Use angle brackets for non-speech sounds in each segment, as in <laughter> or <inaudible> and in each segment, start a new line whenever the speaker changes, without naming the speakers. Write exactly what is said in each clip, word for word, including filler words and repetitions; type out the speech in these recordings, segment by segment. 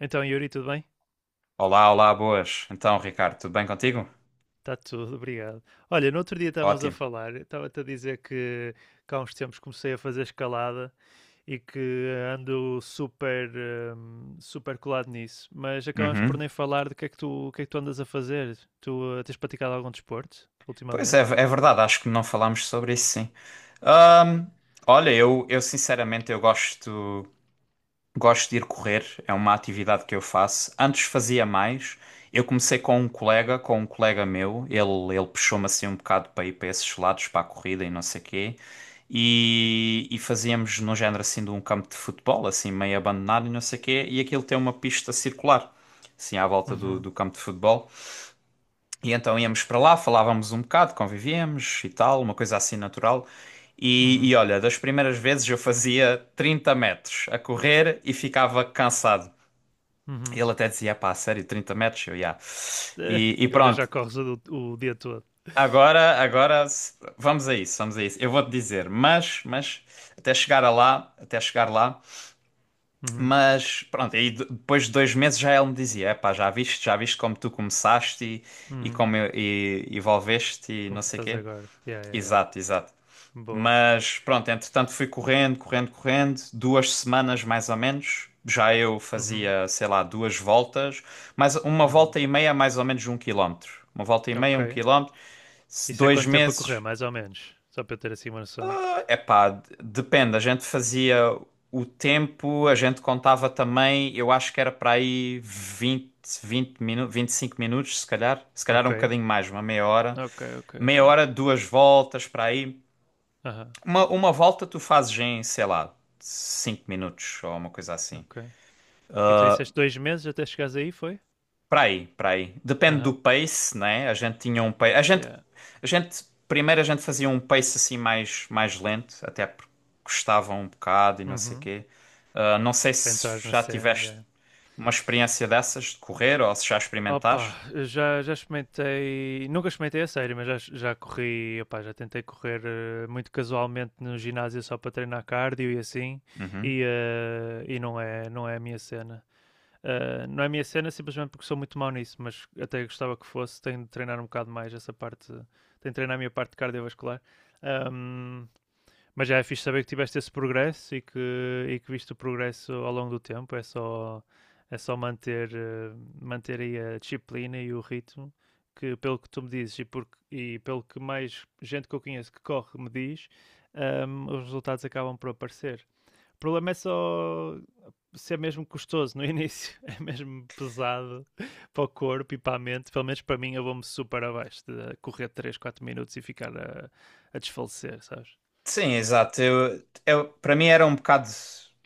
Então, Yuri, tudo bem?
Olá, olá, boas. Então, Ricardo, tudo bem contigo?
Está tudo, obrigado. Olha, no outro dia estávamos a
Ótimo.
falar, estava-te a dizer que, que há uns tempos comecei a fazer escalada e que ando super, hum, super colado nisso, mas acabamos por
Uhum.
nem falar do que é que tu, o que é que tu andas a fazer. Tu eh, tens praticado algum desporto
Pois é,
ultimamente?
é verdade, acho que não falámos sobre isso, sim. Ahm, Olha, eu, eu sinceramente eu gosto. Gosto de ir correr, é uma atividade que eu faço. Antes fazia mais. Eu comecei com um colega, com um colega meu. Ele, ele puxou-me assim um bocado para ir para esses lados, para a corrida e não sei quê. E, e fazíamos no género assim de um campo de futebol, assim meio abandonado e não sei quê. E aquilo tem uma pista circular, assim à volta do,
Uhum,
do campo de futebol. E então íamos para lá, falávamos um bocado, convivíamos e tal, uma coisa assim natural. E, e
uhum,
olha, das primeiras vezes eu fazia trinta metros a correr e ficava cansado.
uhum.
Ele até
<laughs>
dizia, pá, sério, trinta metros? Eu, já.
Eh,
E,
e
e
agora já
pronto,
corres o, o dia todo.
agora, agora s- vamos a isso, vamos a isso. Eu vou-te dizer, mas, mas, até chegar a lá, até chegar lá,
Uhum,
mas pronto, aí de- depois de dois meses já ele me dizia, é pá, já viste, já viste como tu começaste e, e
uhum.
como eu- e, e evolveste e não
Como tu
sei
estás
quê.
agora. Yeah, yeah, yeah.
Exato, exato.
Boa.
Mas pronto, entretanto fui correndo, correndo, correndo, duas semanas mais ou menos. Já eu
Uhum,
fazia, sei lá, duas voltas, mas uma
uhum.
volta e meia, mais ou menos de um quilómetro. Uma volta e meia,
Ok,
um quilómetro. Se
isso é
Dois
quanto tempo a correr,
meses,
mais ou menos? Só para eu ter assim uma noção.
epá, d- depende. A gente fazia o tempo, a gente contava também, eu acho que era para aí vinte, vinte minutos, vinte e cinco minutos, se calhar. Se calhar
Ok,
um bocadinho mais, uma meia hora.
ok, ok, ok.
Meia hora, duas voltas para aí.
Aham,
Uma, uma volta tu fazes em, sei lá, cinco minutos ou uma coisa
uh-huh.
assim.
Ok. E tu disseste dois meses até chegares aí, foi?
Para aí, para aí. Depende do
Aham,
pace, né? A gente tinha um pace. A
uh-huh.
gente,
Yeah.
a gente, primeiro a gente fazia um pace assim mais, mais lento, até porque custava um bocado e não sei o
Uhum.
quê. Ah, não sei
Para entrares
se
na
já
cena,
tiveste
yeah.
uma experiência dessas de correr ou se já
Opa,
experimentaste.
eu já, já experimentei, nunca experimentei a sério, mas já, já corri, opá, já tentei correr eh, muito casualmente no ginásio só para treinar cardio e assim,
Uhum.
e, eh, e não é, não é a minha cena. Uh, não é a minha cena simplesmente porque sou muito mau nisso, mas até gostava que fosse. Tenho de treinar um bocado mais essa parte, tenho de treinar a minha parte cardiovascular. Um, mas já é fixe saber que tiveste esse progresso e que, e que viste o progresso ao longo do tempo. É só, é só manter, uh, manter aí a disciplina e o ritmo, que pelo que tu me dizes e, porque, e pelo que mais gente que eu conheço que corre me diz, um, os resultados acabam por aparecer. O problema é só ser mesmo custoso no <laughs> início, é mesmo pesado para o corpo e para a mente. Pelo menos para mim, eu vou-me super abaixo de correr três quatro minutos e ficar a, a desfalecer, sabes?
Sim, exato. Eu, é- para mim era um bocado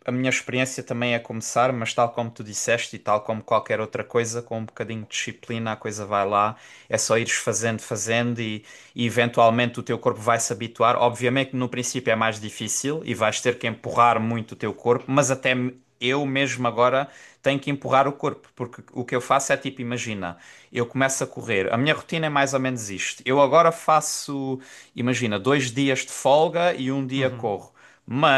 a minha experiência também a começar, mas tal como tu disseste e tal como qualquer outra coisa, com um bocadinho de disciplina a coisa vai lá, é só ires fazendo, fazendo e, e eventualmente o teu corpo vai se habituar. Obviamente que no princípio é mais difícil e vais ter que empurrar muito o teu corpo, mas até me- eu mesmo agora tenho que empurrar o corpo, porque o que eu faço é tipo, imagina, eu começo a correr, a minha rotina é mais ou menos isto. Eu agora faço, imagina, dois dias de folga e um dia
Uhum.
corro.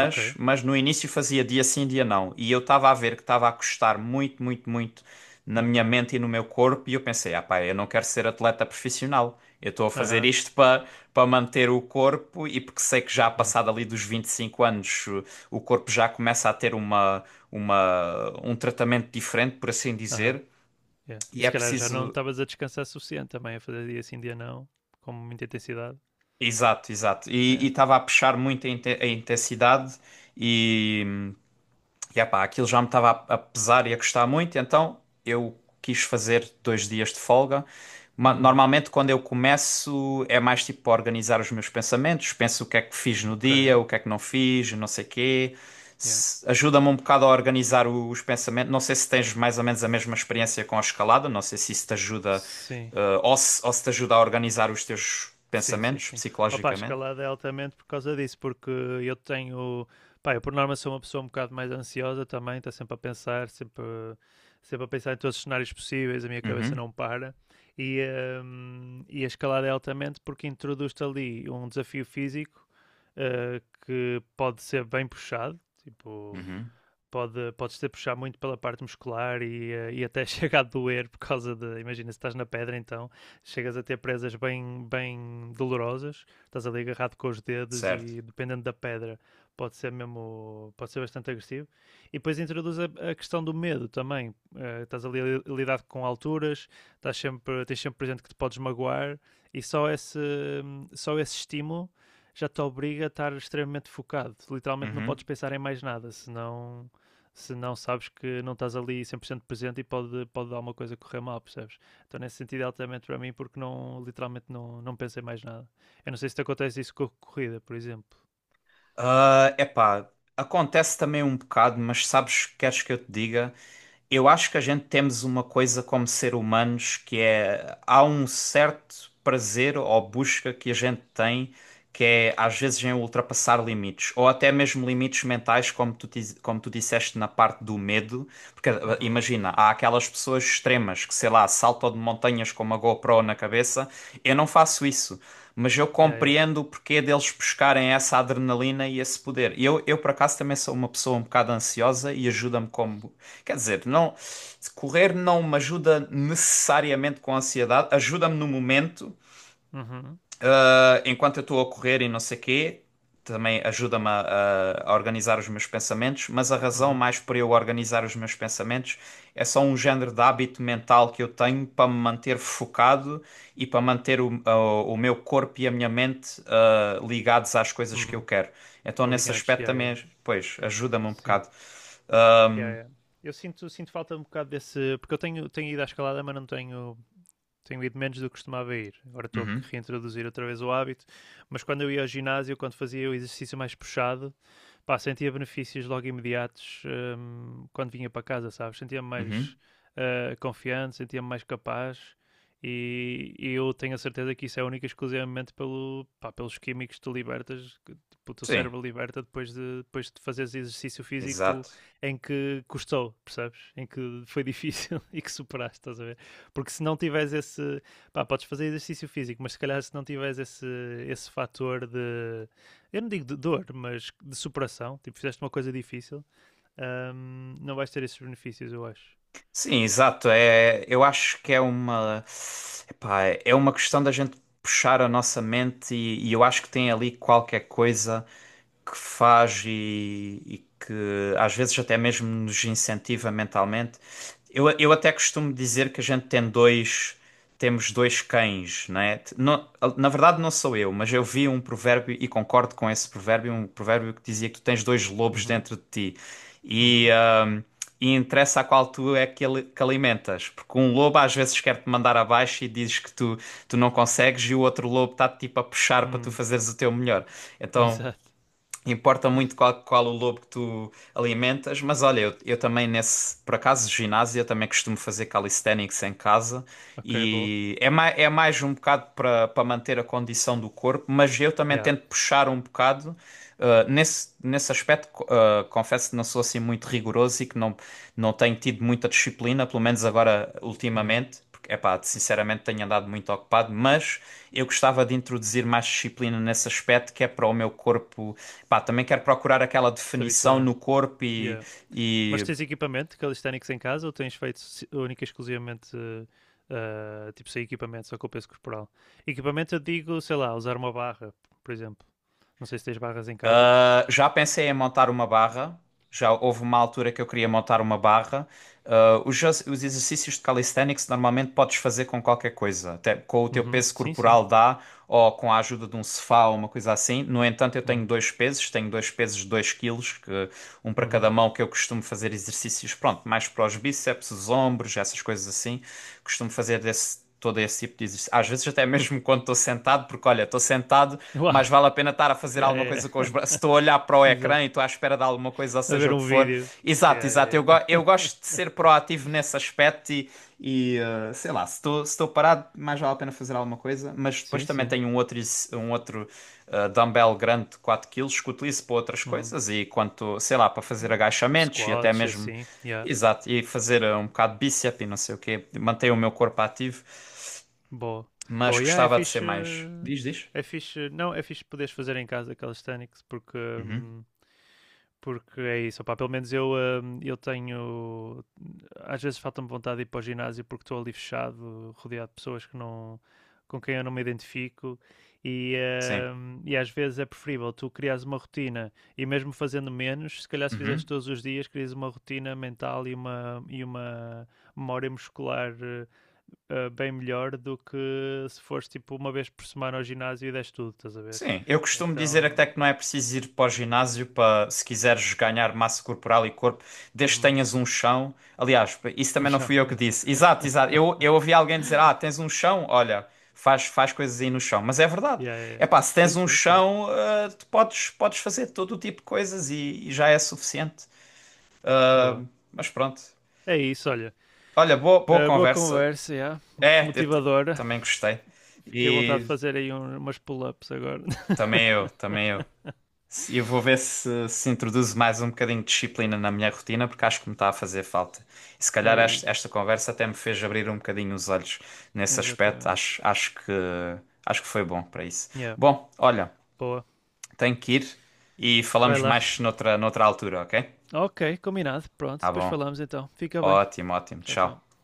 Ok,
mas no início fazia dia sim, dia não. E eu estava a ver que estava a custar muito, muito, muito na minha
ok.
mente e no meu corpo. E eu pensei, ah pá, eu não quero ser atleta profissional. Eu estou a fazer
Aham,
isto para para manter o corpo e porque sei que já
uhum. Yeah,
passado ali dos vinte e cinco anos, uh, o corpo já começa a ter uma, uma, um tratamento diferente, por assim
aham,
dizer.
yeah. E
E é
se calhar já não
preciso.
estavas a descansar suficiente também, a fazer dia sim, dia não, com muita intensidade.
Exato, exato. E e
Yeah.
estava a puxar muito a inte- a intensidade e. E epá, aquilo já me estava a a pesar e a custar muito, então eu quis fazer dois dias de folga. Ma-
Uhum.
Normalmente, quando eu começo, é mais tipo para organizar os meus pensamentos. Penso o que é que fiz no
Ok.
dia, o que é que não fiz, não sei quê.
Yeah.
Se- Ajuda-me um bocado a organizar o- os pensamentos. Não sei se tens mais ou menos a mesma
Bom.
experiência com a escalada, não sei se isso te ajuda,
Sim.
eh, ou se, ou se te ajuda a organizar os teus
Sim, sim,
pensamentos
sim. Opa, a
psicologicamente.
escalada é altamente por causa disso, porque eu tenho. Pá, eu por norma sou uma pessoa um bocado mais ansiosa também, está sempre a pensar, sempre, sempre a pensar em todos os cenários possíveis, a minha cabeça
Uhum,
não para. E, hum, e a escalada é altamente porque introduz-te ali um desafio físico eh, que pode ser bem puxado, tipo
uhum,
pode, podes ter puxar muito pela parte muscular e, eh, e até <laughs> chega a doer por causa de. Imagina, se estás na pedra, então chegas a ter presas bem, bem dolorosas, estás ali agarrado com os dedos
certo.
e dependendo da pedra, pode ser mesmo. Pode ser bastante agressivo. E depois introduz a, a questão do medo também. Eh, estás ali a lidar com alturas, estás sempre, tens sempre presente que te podes magoar e só esse, só esse estímulo. Já te obriga a estar extremamente focado. Literalmente não podes
Uhum.
pensar em mais nada, senão se não sabes que não estás ali cem por cento presente e pode, pode dar uma coisa a correr mal, percebes? Então, nesse sentido, é altamente para mim, porque não, literalmente não, não pensei mais nada. Eu não sei se te acontece isso com a corrida, por exemplo.
Ah, epá, acontece também um bocado, mas sabes, queres que eu te diga? Eu acho que a gente temos uma coisa como ser humanos que é há um certo prazer ou busca que a gente tem que é às vezes em ultrapassar limites ou até mesmo limites mentais como tu diz- como tu disseste na parte do medo porque eh,
Uhum.
imagina há aquelas pessoas extremas que sei lá saltam de montanhas com uma GoPro na cabeça, eu não faço isso, mas eu
Yeah, yeah.
compreendo o porquê deles buscarem essa adrenalina e esse poder. Eu, eu por acaso, também sou uma pessoa um bocado ansiosa e ajuda-me como. Quer dizer, não, correr não me ajuda necessariamente com a ansiedade, ajuda-me no momento,
Uhum.
ah, enquanto eu estou a correr e não sei quê, também ajuda-me a, a- organizar os meus pensamentos, mas a razão
Uhum.
mais para eu organizar os meus pensamentos é só um género de hábito mental que eu tenho para me manter focado e para manter o, o- o meu corpo e a minha mente, ah, ligados às coisas que eu
Uhum.
quero. Então, nesse
Aligantes,
aspecto
yeah, yeah.
também, pois, ajuda-me um
Sim.
bocado.
Yeah, yeah. Eu sinto, sinto falta um bocado desse. Porque eu tenho, tenho ido à escalada, mas não tenho. Tenho ido menos do que costumava ir. Agora estou a
Uhum,
reintroduzir outra vez o hábito. Mas quando eu ia ao ginásio, quando fazia o exercício mais puxado, pá, sentia benefícios logo imediatos hum, quando vinha para casa, sabes? Sentia-me
uhum.
mais ah, confiante, sentia-me mais capaz e, e eu tenho a certeza que isso é única e exclusivamente pelo, pá, pelos químicos que tu libertas, que tipo, o teu
Sim,
cérebro liberta depois de, depois de fazeres exercício físico
exato.
em que custou, percebes? Em que foi difícil <laughs> e que superaste, estás a ver? Porque se não tiveres esse, pá, podes fazer exercício físico, mas se calhar se não tiveres esse, esse fator de eu não digo de dor, mas de superação. Tipo, fizeste uma coisa difícil, hum, não vais ter esses benefícios, eu acho.
Sim, exato. É, eu acho que é uma, epá, é uma questão da gente puxar a nossa mente e, e eu acho que tem ali qualquer coisa que faz e, e que às vezes até mesmo nos incentiva mentalmente. Eu, eu até costumo dizer que a gente tem dois, temos dois cães, né? Não- na verdade, não sou eu, mas eu vi um provérbio e concordo com esse provérbio, um provérbio que dizia que tu tens dois lobos
Uhum,
dentro de ti. E,
uhum,
hum, e interessa a qual tu é que, ele- que alimentas. Porque um lobo às vezes quer-te mandar abaixo e dizes que tu, tu não consegues, e o outro lobo está-te tipo a puxar para tu
hum,
fazeres o teu melhor.
<laughs>
Então
exato.
importa muito qual, qual o lobo que tu alimentas. Mas olha, eu, eu também nesse, por acaso, ginásio, eu também costumo fazer calisthenics em casa
Ok, boa.
e é, mai, é mais um bocado para para manter a condição do corpo, mas eu também
Yeah.
tento puxar um bocado. Uh, nesse, nesse aspecto, co- uh, confesso que não sou assim muito rigoroso e que não, não tenho tido muita disciplina, pelo menos agora
Uhum.
ultimamente, porque, epá, sinceramente tenho andado muito ocupado, mas eu gostava de introduzir mais disciplina nesse aspecto que é para o meu corpo. Pá, também quero procurar aquela
Se
definição
habituar.
no corpo e,
Yeah. Mas
e,
tens equipamento calisthenics em casa ou tens feito si- única e exclusivamente eh, ah, tipo sem equipamento, só com o peso corporal? Equipamento eu digo, sei lá, usar uma barra, por exemplo. Não sei se tens barras em casa.
ah, Já pensei em montar uma barra. Já houve uma altura que eu queria montar uma barra. Ah, os, ex- os exercícios de calisthenics normalmente podes fazer com qualquer coisa, até com o teu
Uhum.
peso
Sim, sim.
corporal dá, ou com a ajuda de um sofá ou uma coisa assim. No entanto, eu tenho
Uhum.
dois pesos, tenho dois pesos de dois quilos, que- um para cada
Uhum.
mão, que eu costumo fazer exercícios, pronto, mais para os bíceps, os ombros, essas coisas assim. Costumo fazer desse esse, todo esse tipo de exercício. Às vezes até mesmo quando estou sentado, porque olha, estou sentado,
Uau!
mas
<laughs>
vale a pena estar a fazer
Yeah,
alguma
yeah,
coisa com os braços. Se
yeah.
Estou a olhar para o
<laughs>
ecrã
Exato.
e estou à espera de alguma coisa, ou
A
seja
ver
o que
um
for.
vídeo.
Exato,
Yeah,
exato. Eu,
yeah,
go- eu gosto de
yeah. <laughs>
ser proativo nesse aspecto e, e, eh, sei lá, se estou, se estou parado, mais vale a pena fazer alguma coisa. Mas depois
Sim,
também
sim.
tenho um outro, ex- um outro eh, dumbbell grande de quatro quilos que utilizo para outras
Uhum.
coisas e quanto, sei lá, para fazer
Tipo
agachamentos e até
squats,
mesmo.
assim. Yeah.
Exato, e fazer, eh, um bocado de bíceps e não sei o quê, manter o meu corpo ativo,
Boa.
mas
Boa, yeah, é
gostava de ser
fixe.
mais. Diz, diz?
É fixe. Não, é fixe poderes fazer em casa calisthenics porque.
Uhum.
hum, Porque é isso, opá, pelo menos eu, hum, eu tenho. Às vezes falta-me vontade de ir para o ginásio porque estou ali fechado, rodeado de pessoas que não, com quem eu não me identifico. E,
Sim.
hum, e às vezes é preferível tu criares uma rotina e, mesmo fazendo menos, se calhar se fizeste
Uhum.
todos os dias, crias uma rotina mental e uma, e uma memória muscular eh, eh, bem melhor do que se fores tipo uma vez por semana ao ginásio e deste tudo, estás a ver?
Sim. Eu costumo dizer até
Então,
que não é preciso ir para o ginásio para, se quiseres ganhar massa corporal e corpo, desde que
uhum,
tenhas um chão. Aliás, isso
<laughs> um
também não
chão,
fui eu que
yeah.
disse. Exato, exato. Eu, eu ouvi alguém dizer: ah,
<laughs>
tens um chão? Olha, faz, faz coisas aí no chão, mas é verdade.
Yeah, yeah, yeah.
É pá, se tens
Sim,
um
sim, sim.
chão, ah, tu podes, podes fazer todo o tipo de coisas e, e já é suficiente. Ah,
Boa.
mas pronto.
É isso, olha.
Olha, boa, boa
Uh, boa
conversa.
conversa, yeah. <laughs>
É, eu te-
Motivadora.
também gostei.
Fiquei à vontade de
E
fazer aí um- umas pull-ups agora.
também eu, também eu.
<laughs>
E eu vou ver se, se introduzo mais um bocadinho de disciplina na minha rotina, porque acho que me está a fazer falta. E se calhar
É
esta, esta
isso.
conversa até me fez abrir um bocadinho os olhos nesse aspecto.
Exatamente.
Acho, acho que, acho que foi bom para isso.
Yeah,
Bom, olha,
boa.
tenho que ir e
Vai
falamos
lá.
mais noutra, noutra altura, ok?
Ok, combinado. Pronto,
Tá
depois
bom.
falamos então. Fica bem.
Ótimo, ótimo.
Tchau,
Tchau.
tchau.